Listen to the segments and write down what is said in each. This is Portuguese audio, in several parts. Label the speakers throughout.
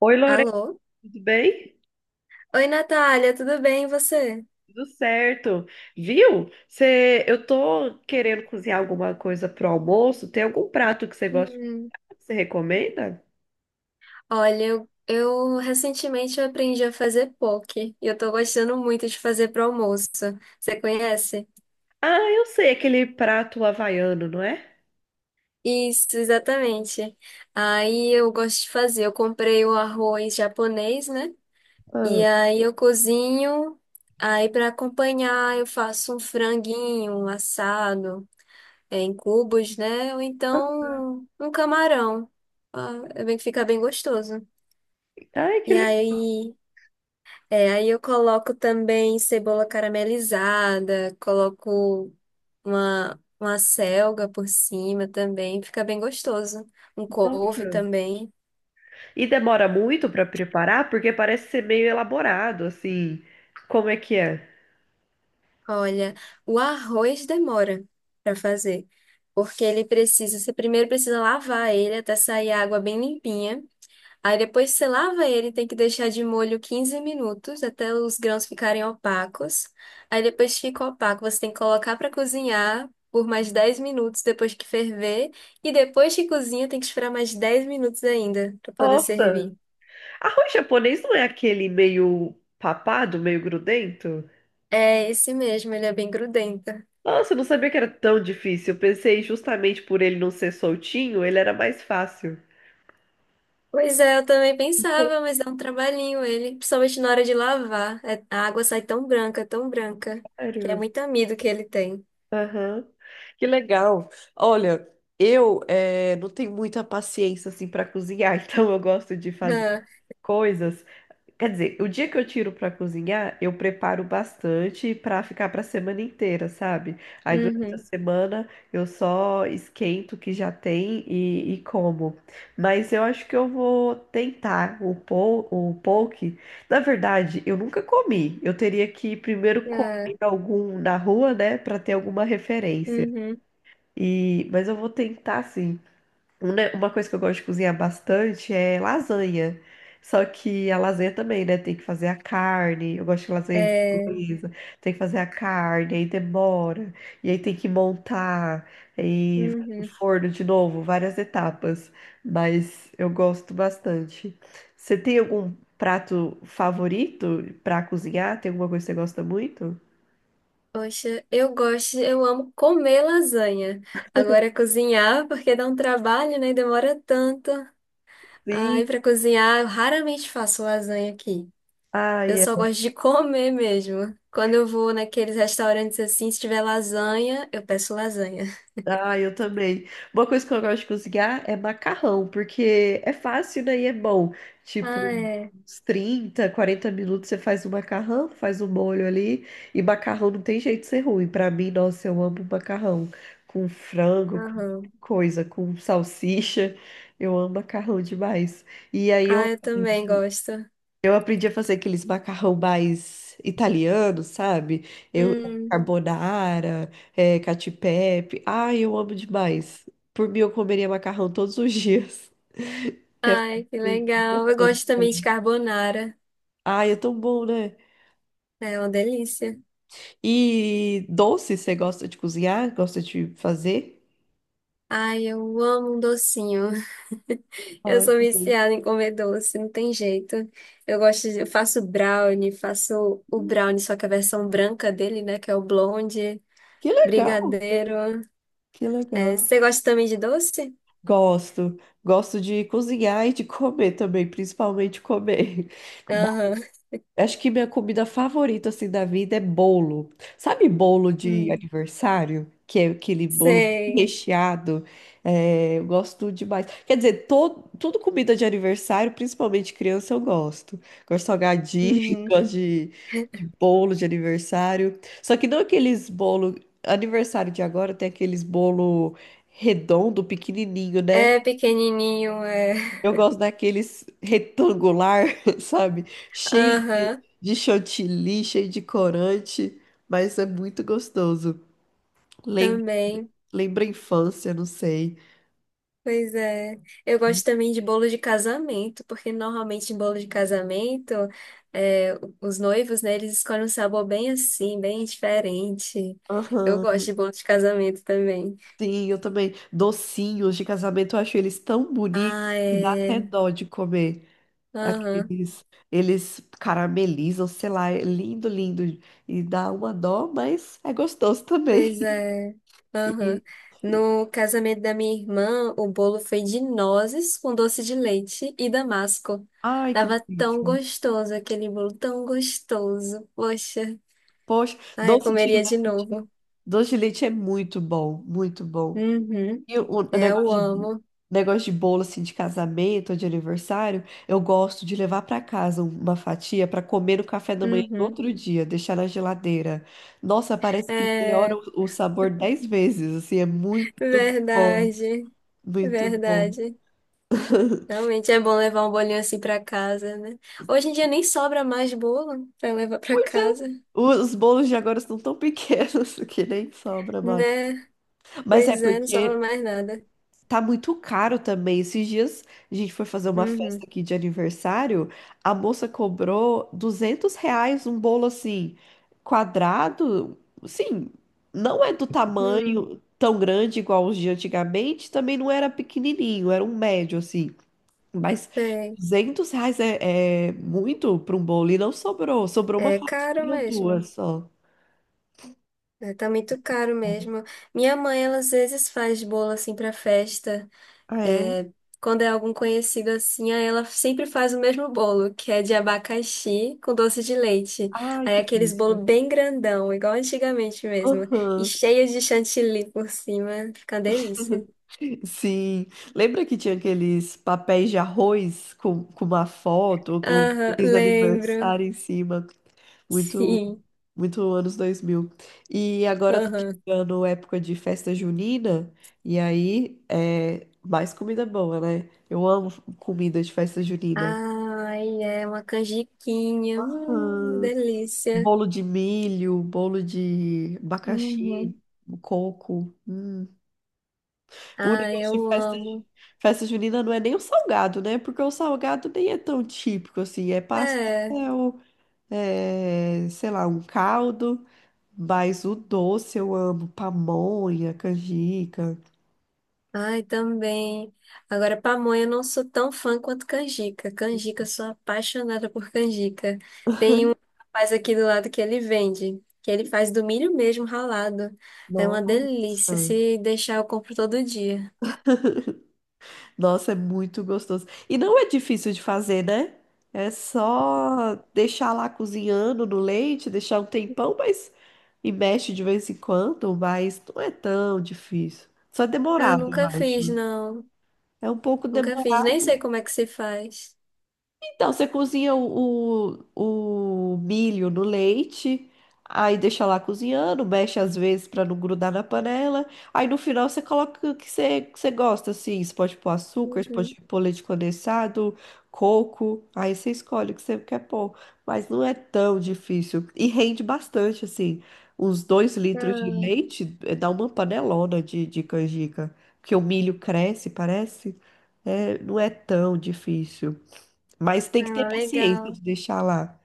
Speaker 1: Oi, Lorena,
Speaker 2: Alô?
Speaker 1: tudo bem?
Speaker 2: Oi, Natália, tudo bem e você?
Speaker 1: Tudo certo. Viu? Eu tô querendo cozinhar alguma coisa pro almoço. Tem algum prato que você gosta?
Speaker 2: Hum,
Speaker 1: Que você recomenda?
Speaker 2: Olha, eu recentemente eu aprendi a fazer poke e eu tô gostando muito de fazer pro almoço. Você conhece?
Speaker 1: Ah, eu sei, aquele prato havaiano, não é?
Speaker 2: Isso, exatamente. Aí eu gosto de fazer. Eu comprei o arroz japonês, né? E
Speaker 1: Ah,
Speaker 2: aí eu cozinho. Aí para acompanhar eu faço um franguinho assado em cubos, né? Ou
Speaker 1: ah,
Speaker 2: então um camarão. Ah, é bem que fica bem gostoso.
Speaker 1: ai, que
Speaker 2: E
Speaker 1: legal.
Speaker 2: aí, aí eu coloco também cebola caramelizada, coloco uma selga por cima também, fica bem gostoso. Um couve também.
Speaker 1: E demora muito pra preparar, porque parece ser meio elaborado, assim. Como é que é?
Speaker 2: Olha, o arroz demora para fazer, porque ele precisa, você primeiro precisa lavar ele até sair a água bem limpinha. Aí depois você lava ele, tem que deixar de molho 15 minutos até os grãos ficarem opacos. Aí depois que fica opaco, você tem que colocar para cozinhar por mais 10 minutos depois que ferver. E depois que cozinha, tem que esperar mais 10 minutos ainda para poder
Speaker 1: Nossa,
Speaker 2: servir.
Speaker 1: arroz japonês não é aquele meio papado, meio grudento?
Speaker 2: É esse mesmo, ele é bem grudento.
Speaker 1: Nossa, eu não sabia que era tão difícil. Eu pensei justamente por ele não ser soltinho, ele era mais fácil.
Speaker 2: Pois é, eu também pensava, mas dá um trabalhinho ele, principalmente na hora de lavar. A água sai tão branca, que é
Speaker 1: Sério?
Speaker 2: muito amido que ele tem.
Speaker 1: Aham. Que legal. Olha, eu não tenho muita paciência assim para cozinhar, então eu gosto de fazer coisas. Quer dizer, o dia que eu tiro pra cozinhar, eu preparo bastante pra ficar pra semana inteira, sabe?
Speaker 2: Ah,
Speaker 1: Aí durante a
Speaker 2: uhum,
Speaker 1: semana eu só esquento o que já tem e como. Mas eu acho que eu vou tentar o poke. Na verdade, eu nunca comi. Eu teria que primeiro comer
Speaker 2: ah,
Speaker 1: algum na rua, né, pra ter alguma referência.
Speaker 2: uhum.
Speaker 1: Mas eu vou tentar sim. Uma coisa que eu gosto de cozinhar bastante é lasanha. Só que a lasanha também, né? Tem que fazer a carne. Eu gosto de lasanha de
Speaker 2: É,
Speaker 1: bolonhesa. Tem que fazer a carne, aí demora. E aí tem que montar. Aí vai pro
Speaker 2: uhum.
Speaker 1: forno de novo, várias etapas. Mas eu gosto bastante. Você tem algum prato favorito pra cozinhar? Tem alguma coisa que você gosta muito?
Speaker 2: Poxa, eu gosto, eu amo comer lasanha. Agora cozinhar, porque dá um trabalho, né? E demora tanto. Aí
Speaker 1: Sim.
Speaker 2: para cozinhar, eu raramente faço lasanha aqui. Eu
Speaker 1: Ai,
Speaker 2: só gosto de comer mesmo. Quando eu vou naqueles restaurantes assim, se tiver lasanha, eu peço lasanha.
Speaker 1: ah, eu também. Uma coisa que eu gosto de cozinhar é macarrão, porque é fácil, né? E é bom.
Speaker 2: Ah,
Speaker 1: Tipo,
Speaker 2: é.
Speaker 1: uns 30, 40 minutos você faz o macarrão, faz o molho ali. E macarrão não tem jeito de ser ruim. Pra mim, nossa, eu amo macarrão. Com frango, com
Speaker 2: Aham.
Speaker 1: coisa, com salsicha. Eu amo macarrão demais. E aí eu
Speaker 2: Ah, eu também
Speaker 1: aprendi.
Speaker 2: gosto.
Speaker 1: Eu aprendi a fazer aqueles macarrão mais italianos, sabe? Eu
Speaker 2: Hum.
Speaker 1: carbonara, é, cacio e pepe. Ai, eu amo demais. Por mim, eu comeria macarrão todos os dias. Que é...
Speaker 2: Ai, que
Speaker 1: fácil.
Speaker 2: legal. Eu gosto também de carbonara.
Speaker 1: Ai, é tão bom, né?
Speaker 2: É uma delícia.
Speaker 1: E doce, você gosta de cozinhar? Gosta de fazer?
Speaker 2: Ai, eu amo um docinho. Eu
Speaker 1: Ai,
Speaker 2: sou
Speaker 1: também.
Speaker 2: viciada em comer doce, não tem jeito. Eu gosto de, eu faço brownie, faço o brownie, só que a versão branca dele, né, que é o blonde,
Speaker 1: Que legal,
Speaker 2: brigadeiro.
Speaker 1: que
Speaker 2: É,
Speaker 1: legal.
Speaker 2: você gosta também de doce?
Speaker 1: Gosto, gosto de cozinhar e de comer também, principalmente comer.
Speaker 2: Aham.
Speaker 1: Acho que minha comida favorita assim da vida é bolo. Sabe bolo de
Speaker 2: Hum,
Speaker 1: aniversário? Que é aquele bolo
Speaker 2: sei.
Speaker 1: recheado. É, eu gosto demais. Quer dizer, todo, tudo comida de aniversário, principalmente criança, eu gosto. Gosto de salgadinho,
Speaker 2: Uhum.
Speaker 1: gosto de bolo de aniversário. Só que não aqueles bolo. Aniversário de agora tem aqueles bolo redondo, pequenininho, né?
Speaker 2: É pequenininho, é.
Speaker 1: Eu gosto daqueles retangular, sabe? Cheio de,
Speaker 2: Aham,
Speaker 1: de chantilly, cheio de corante, mas é muito gostoso. Lembra,
Speaker 2: também.
Speaker 1: lembra a infância, não sei.
Speaker 2: Pois é. Eu gosto também de bolo de casamento, porque normalmente em bolo de casamento, é, os noivos, né, eles escolhem um sabor bem assim, bem diferente. Eu gosto
Speaker 1: Aham,
Speaker 2: de bolo de casamento também.
Speaker 1: sim, eu também. Docinhos de casamento, eu acho eles tão bonitos
Speaker 2: Ah,
Speaker 1: que dá até
Speaker 2: é.
Speaker 1: dó de comer.
Speaker 2: Aham.
Speaker 1: Aqueles, eles caramelizam, sei lá, é lindo, lindo. E dá uma dó, mas é gostoso também.
Speaker 2: Pois é.
Speaker 1: E- e-
Speaker 2: Aham. No casamento da minha irmã, o bolo foi de nozes com doce de leite e damasco.
Speaker 1: ai, que
Speaker 2: Tava tão
Speaker 1: delícia.
Speaker 2: gostoso aquele bolo, tão gostoso. Poxa.
Speaker 1: Poxa,
Speaker 2: Ai, eu
Speaker 1: doce de
Speaker 2: comeria de
Speaker 1: leite.
Speaker 2: novo.
Speaker 1: Doce de leite é muito bom, muito bom.
Speaker 2: Uhum.
Speaker 1: E o
Speaker 2: É, eu
Speaker 1: negócio de, bo-
Speaker 2: amo.
Speaker 1: negócio de bolo assim de casamento ou de aniversário, eu gosto de levar para casa uma fatia para comer no café da manhã do
Speaker 2: Uhum.
Speaker 1: outro dia, deixar na geladeira. Nossa, parece que melhora
Speaker 2: É,
Speaker 1: o sabor 10 vezes, assim, é muito bom,
Speaker 2: verdade,
Speaker 1: muito bom.
Speaker 2: verdade. Realmente é bom levar um bolinho assim pra casa, né? Hoje em dia nem sobra mais bolo pra levar pra
Speaker 1: Pois é.
Speaker 2: casa,
Speaker 1: Os bolos de agora estão tão pequenos que nem sobra mais.
Speaker 2: né?
Speaker 1: Mas é
Speaker 2: Pois é, não sobra
Speaker 1: porque
Speaker 2: mais nada.
Speaker 1: tá muito caro também. Esses dias a gente foi fazer uma festa
Speaker 2: Uhum.
Speaker 1: aqui de aniversário. A moça cobrou R$ 200 um bolo assim, quadrado. Sim, não é do
Speaker 2: Hum,
Speaker 1: tamanho tão grande igual os de antigamente. Também não era pequenininho, era um médio assim. Mas
Speaker 2: sei.
Speaker 1: R$ 200 é, é muito para um bolo. E não sobrou. Sobrou
Speaker 2: É
Speaker 1: uma fatia
Speaker 2: caro
Speaker 1: ou
Speaker 2: mesmo.
Speaker 1: duas só.
Speaker 2: É, tá muito caro mesmo. Minha mãe, ela às vezes faz bolo assim pra festa.
Speaker 1: Ah, é?
Speaker 2: É, quando é algum conhecido assim, aí ela sempre faz o mesmo bolo, que é de abacaxi com doce de leite.
Speaker 1: Ai,
Speaker 2: Aí é
Speaker 1: que
Speaker 2: aqueles bolo
Speaker 1: delícia.
Speaker 2: bem grandão, igual antigamente mesmo, e
Speaker 1: Aham.
Speaker 2: cheio de chantilly por cima, fica uma delícia.
Speaker 1: Sim, lembra que tinha aqueles papéis de arroz com uma foto, com
Speaker 2: Aham,
Speaker 1: feliz
Speaker 2: lembro.
Speaker 1: aniversário em cima? Muito,
Speaker 2: Sim.
Speaker 1: muito anos 2000. E agora tá
Speaker 2: Aham.
Speaker 1: chegando a época de festa junina, e aí é mais comida boa, né? Eu amo comida de festa junina.
Speaker 2: Ai, é uma canjiquinha.
Speaker 1: Ah,
Speaker 2: Delícia.
Speaker 1: bolo de milho, bolo de abacaxi,
Speaker 2: Uhum.
Speaker 1: coco. Hum. O
Speaker 2: Ah,
Speaker 1: negócio de
Speaker 2: eu
Speaker 1: festa,
Speaker 2: amo.
Speaker 1: festa junina não é nem o salgado, né? Porque o salgado nem é tão típico assim. É
Speaker 2: É.
Speaker 1: pastel, é, sei lá, um caldo. Mas o doce eu amo. Pamonha, canjica.
Speaker 2: Ai, também. Agora, pamonha, eu não sou tão fã quanto canjica. Canjica, eu sou apaixonada por canjica. Tem um rapaz aqui do lado que ele vende, que ele faz do milho mesmo ralado. É uma delícia.
Speaker 1: Nossa.
Speaker 2: Se deixar, eu compro todo dia.
Speaker 1: Nossa, é muito gostoso. E não é difícil de fazer, né? É só deixar lá cozinhando no leite, deixar um tempão, mas e mexe de vez em quando, mas não é tão difícil. Só é
Speaker 2: Ah, eu
Speaker 1: demorado, eu
Speaker 2: nunca fiz,
Speaker 1: acho.
Speaker 2: não.
Speaker 1: É um pouco de-
Speaker 2: Nunca fiz. Nem sei como é que se faz.
Speaker 1: então, você cozinha o milho no leite, aí deixa lá cozinhando, mexe às vezes para não grudar na panela. Aí no final você coloca o que que você gosta, assim. Você pode pôr açúcar, você pode
Speaker 2: Uhum.
Speaker 1: pôr leite condensado, coco. Aí você escolhe o que você quer pôr. Mas não é tão difícil. E rende bastante, assim. Uns dois litros de
Speaker 2: Ah,
Speaker 1: leite dá uma panelona de canjica. Porque o milho cresce, parece. É, não é tão difícil. Mas tem que ter
Speaker 2: ah,
Speaker 1: paciência
Speaker 2: legal.
Speaker 1: de deixar lá.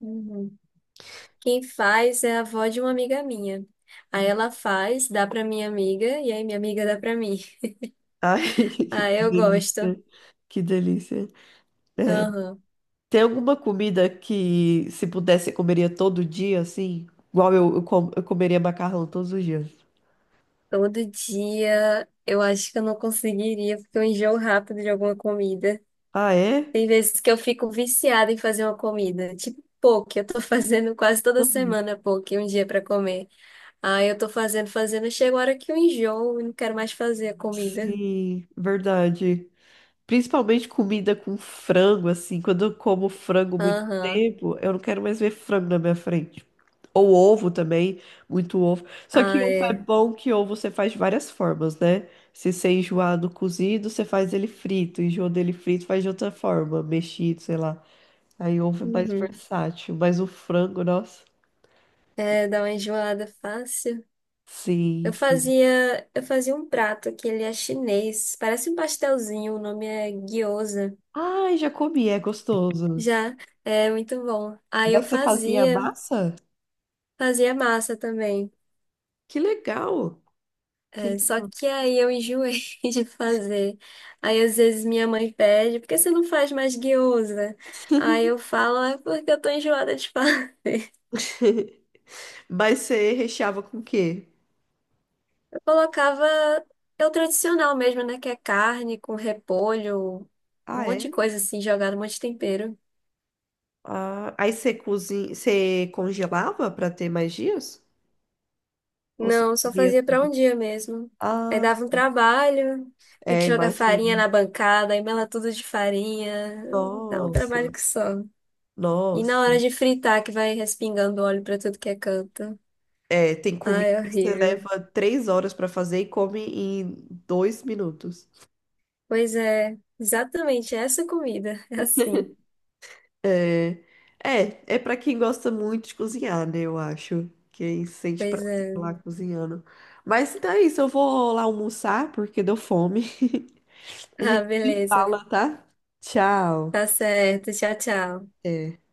Speaker 2: Uhum. Quem faz é a avó de uma amiga minha. Aí ela faz, dá pra minha amiga, e aí minha amiga dá pra mim.
Speaker 1: Ai,
Speaker 2: Ah,
Speaker 1: que
Speaker 2: eu gosto.
Speaker 1: delícia. Que delícia.
Speaker 2: Aham.
Speaker 1: Tem alguma comida que, se pudesse, eu comeria todo dia, assim? Igual eu comeria macarrão todos os dias.
Speaker 2: Todo dia eu acho que eu não conseguiria, porque eu enjoo rápido de alguma comida.
Speaker 1: Ah, é?
Speaker 2: Tem vezes que eu fico viciada em fazer uma comida, tipo poke, eu tô fazendo quase toda
Speaker 1: Uhum.
Speaker 2: semana poke, um dia pra comer. Aí eu tô fazendo, fazendo, chega a hora que eu enjoo e não quero mais fazer a comida.
Speaker 1: Sim, verdade. Principalmente comida com frango, assim. Quando eu como frango muito
Speaker 2: Aham.
Speaker 1: tempo, eu não quero mais ver frango na minha frente. Ou ovo também, muito ovo. Só que
Speaker 2: Ah,
Speaker 1: ovo é
Speaker 2: é.
Speaker 1: bom que ovo você faz de várias formas, né? Se você enjoar do cozido, você faz ele frito. Enjoa dele frito, faz de outra forma, mexido, sei lá. Aí ovo é mais
Speaker 2: Uhum.
Speaker 1: versátil. Mas o frango, nossa.
Speaker 2: É, dá uma enjoada fácil.
Speaker 1: Sim, sim.
Speaker 2: Eu fazia um prato que ele é chinês, parece um pastelzinho, o nome é gyoza.
Speaker 1: Ai, já comi, é gostoso.
Speaker 2: Já é muito bom.
Speaker 1: Mas você fazia massa?
Speaker 2: Fazia massa também.
Speaker 1: Que legal! Que...
Speaker 2: Só que aí eu enjoei de fazer. Aí às vezes minha mãe pede, por que você não faz mais guiosa? Aí eu falo, "Ah, é porque eu tô enjoada de fazer."
Speaker 1: Mas você recheava com o quê?
Speaker 2: Eu colocava, é o tradicional mesmo, né? Que é carne com repolho, um
Speaker 1: Ah,
Speaker 2: monte de
Speaker 1: é?
Speaker 2: coisa assim, jogada, um monte de tempero.
Speaker 1: Ah, aí você cozinha, você congelava para ter mais dias? Ou você
Speaker 2: Não, só
Speaker 1: comia
Speaker 2: fazia para
Speaker 1: tudo?
Speaker 2: um dia mesmo. Aí
Speaker 1: Ah,
Speaker 2: dava um trabalho, tem
Speaker 1: é,
Speaker 2: que jogar farinha
Speaker 1: imagina.
Speaker 2: na bancada, aí mela tudo de farinha. Dá um
Speaker 1: Nossa,
Speaker 2: trabalho que só. E na
Speaker 1: nossa.
Speaker 2: hora de fritar, que vai respingando óleo para tudo que é canto.
Speaker 1: É, tem comida
Speaker 2: Ai, é
Speaker 1: que você
Speaker 2: horrível.
Speaker 1: leva 3 horas para fazer e come em 2 minutos.
Speaker 2: Pois é, exatamente essa comida. É assim.
Speaker 1: É, é para quem gosta muito de cozinhar, né? Eu acho. Quem sente
Speaker 2: Pois
Speaker 1: prazer lá
Speaker 2: é.
Speaker 1: cozinhando. Mas então é isso, eu vou lá almoçar porque deu fome. A
Speaker 2: Ah,
Speaker 1: gente se
Speaker 2: beleza.
Speaker 1: fala, tá? Tchau.
Speaker 2: Tá certo. Tchau, tchau.
Speaker 1: É.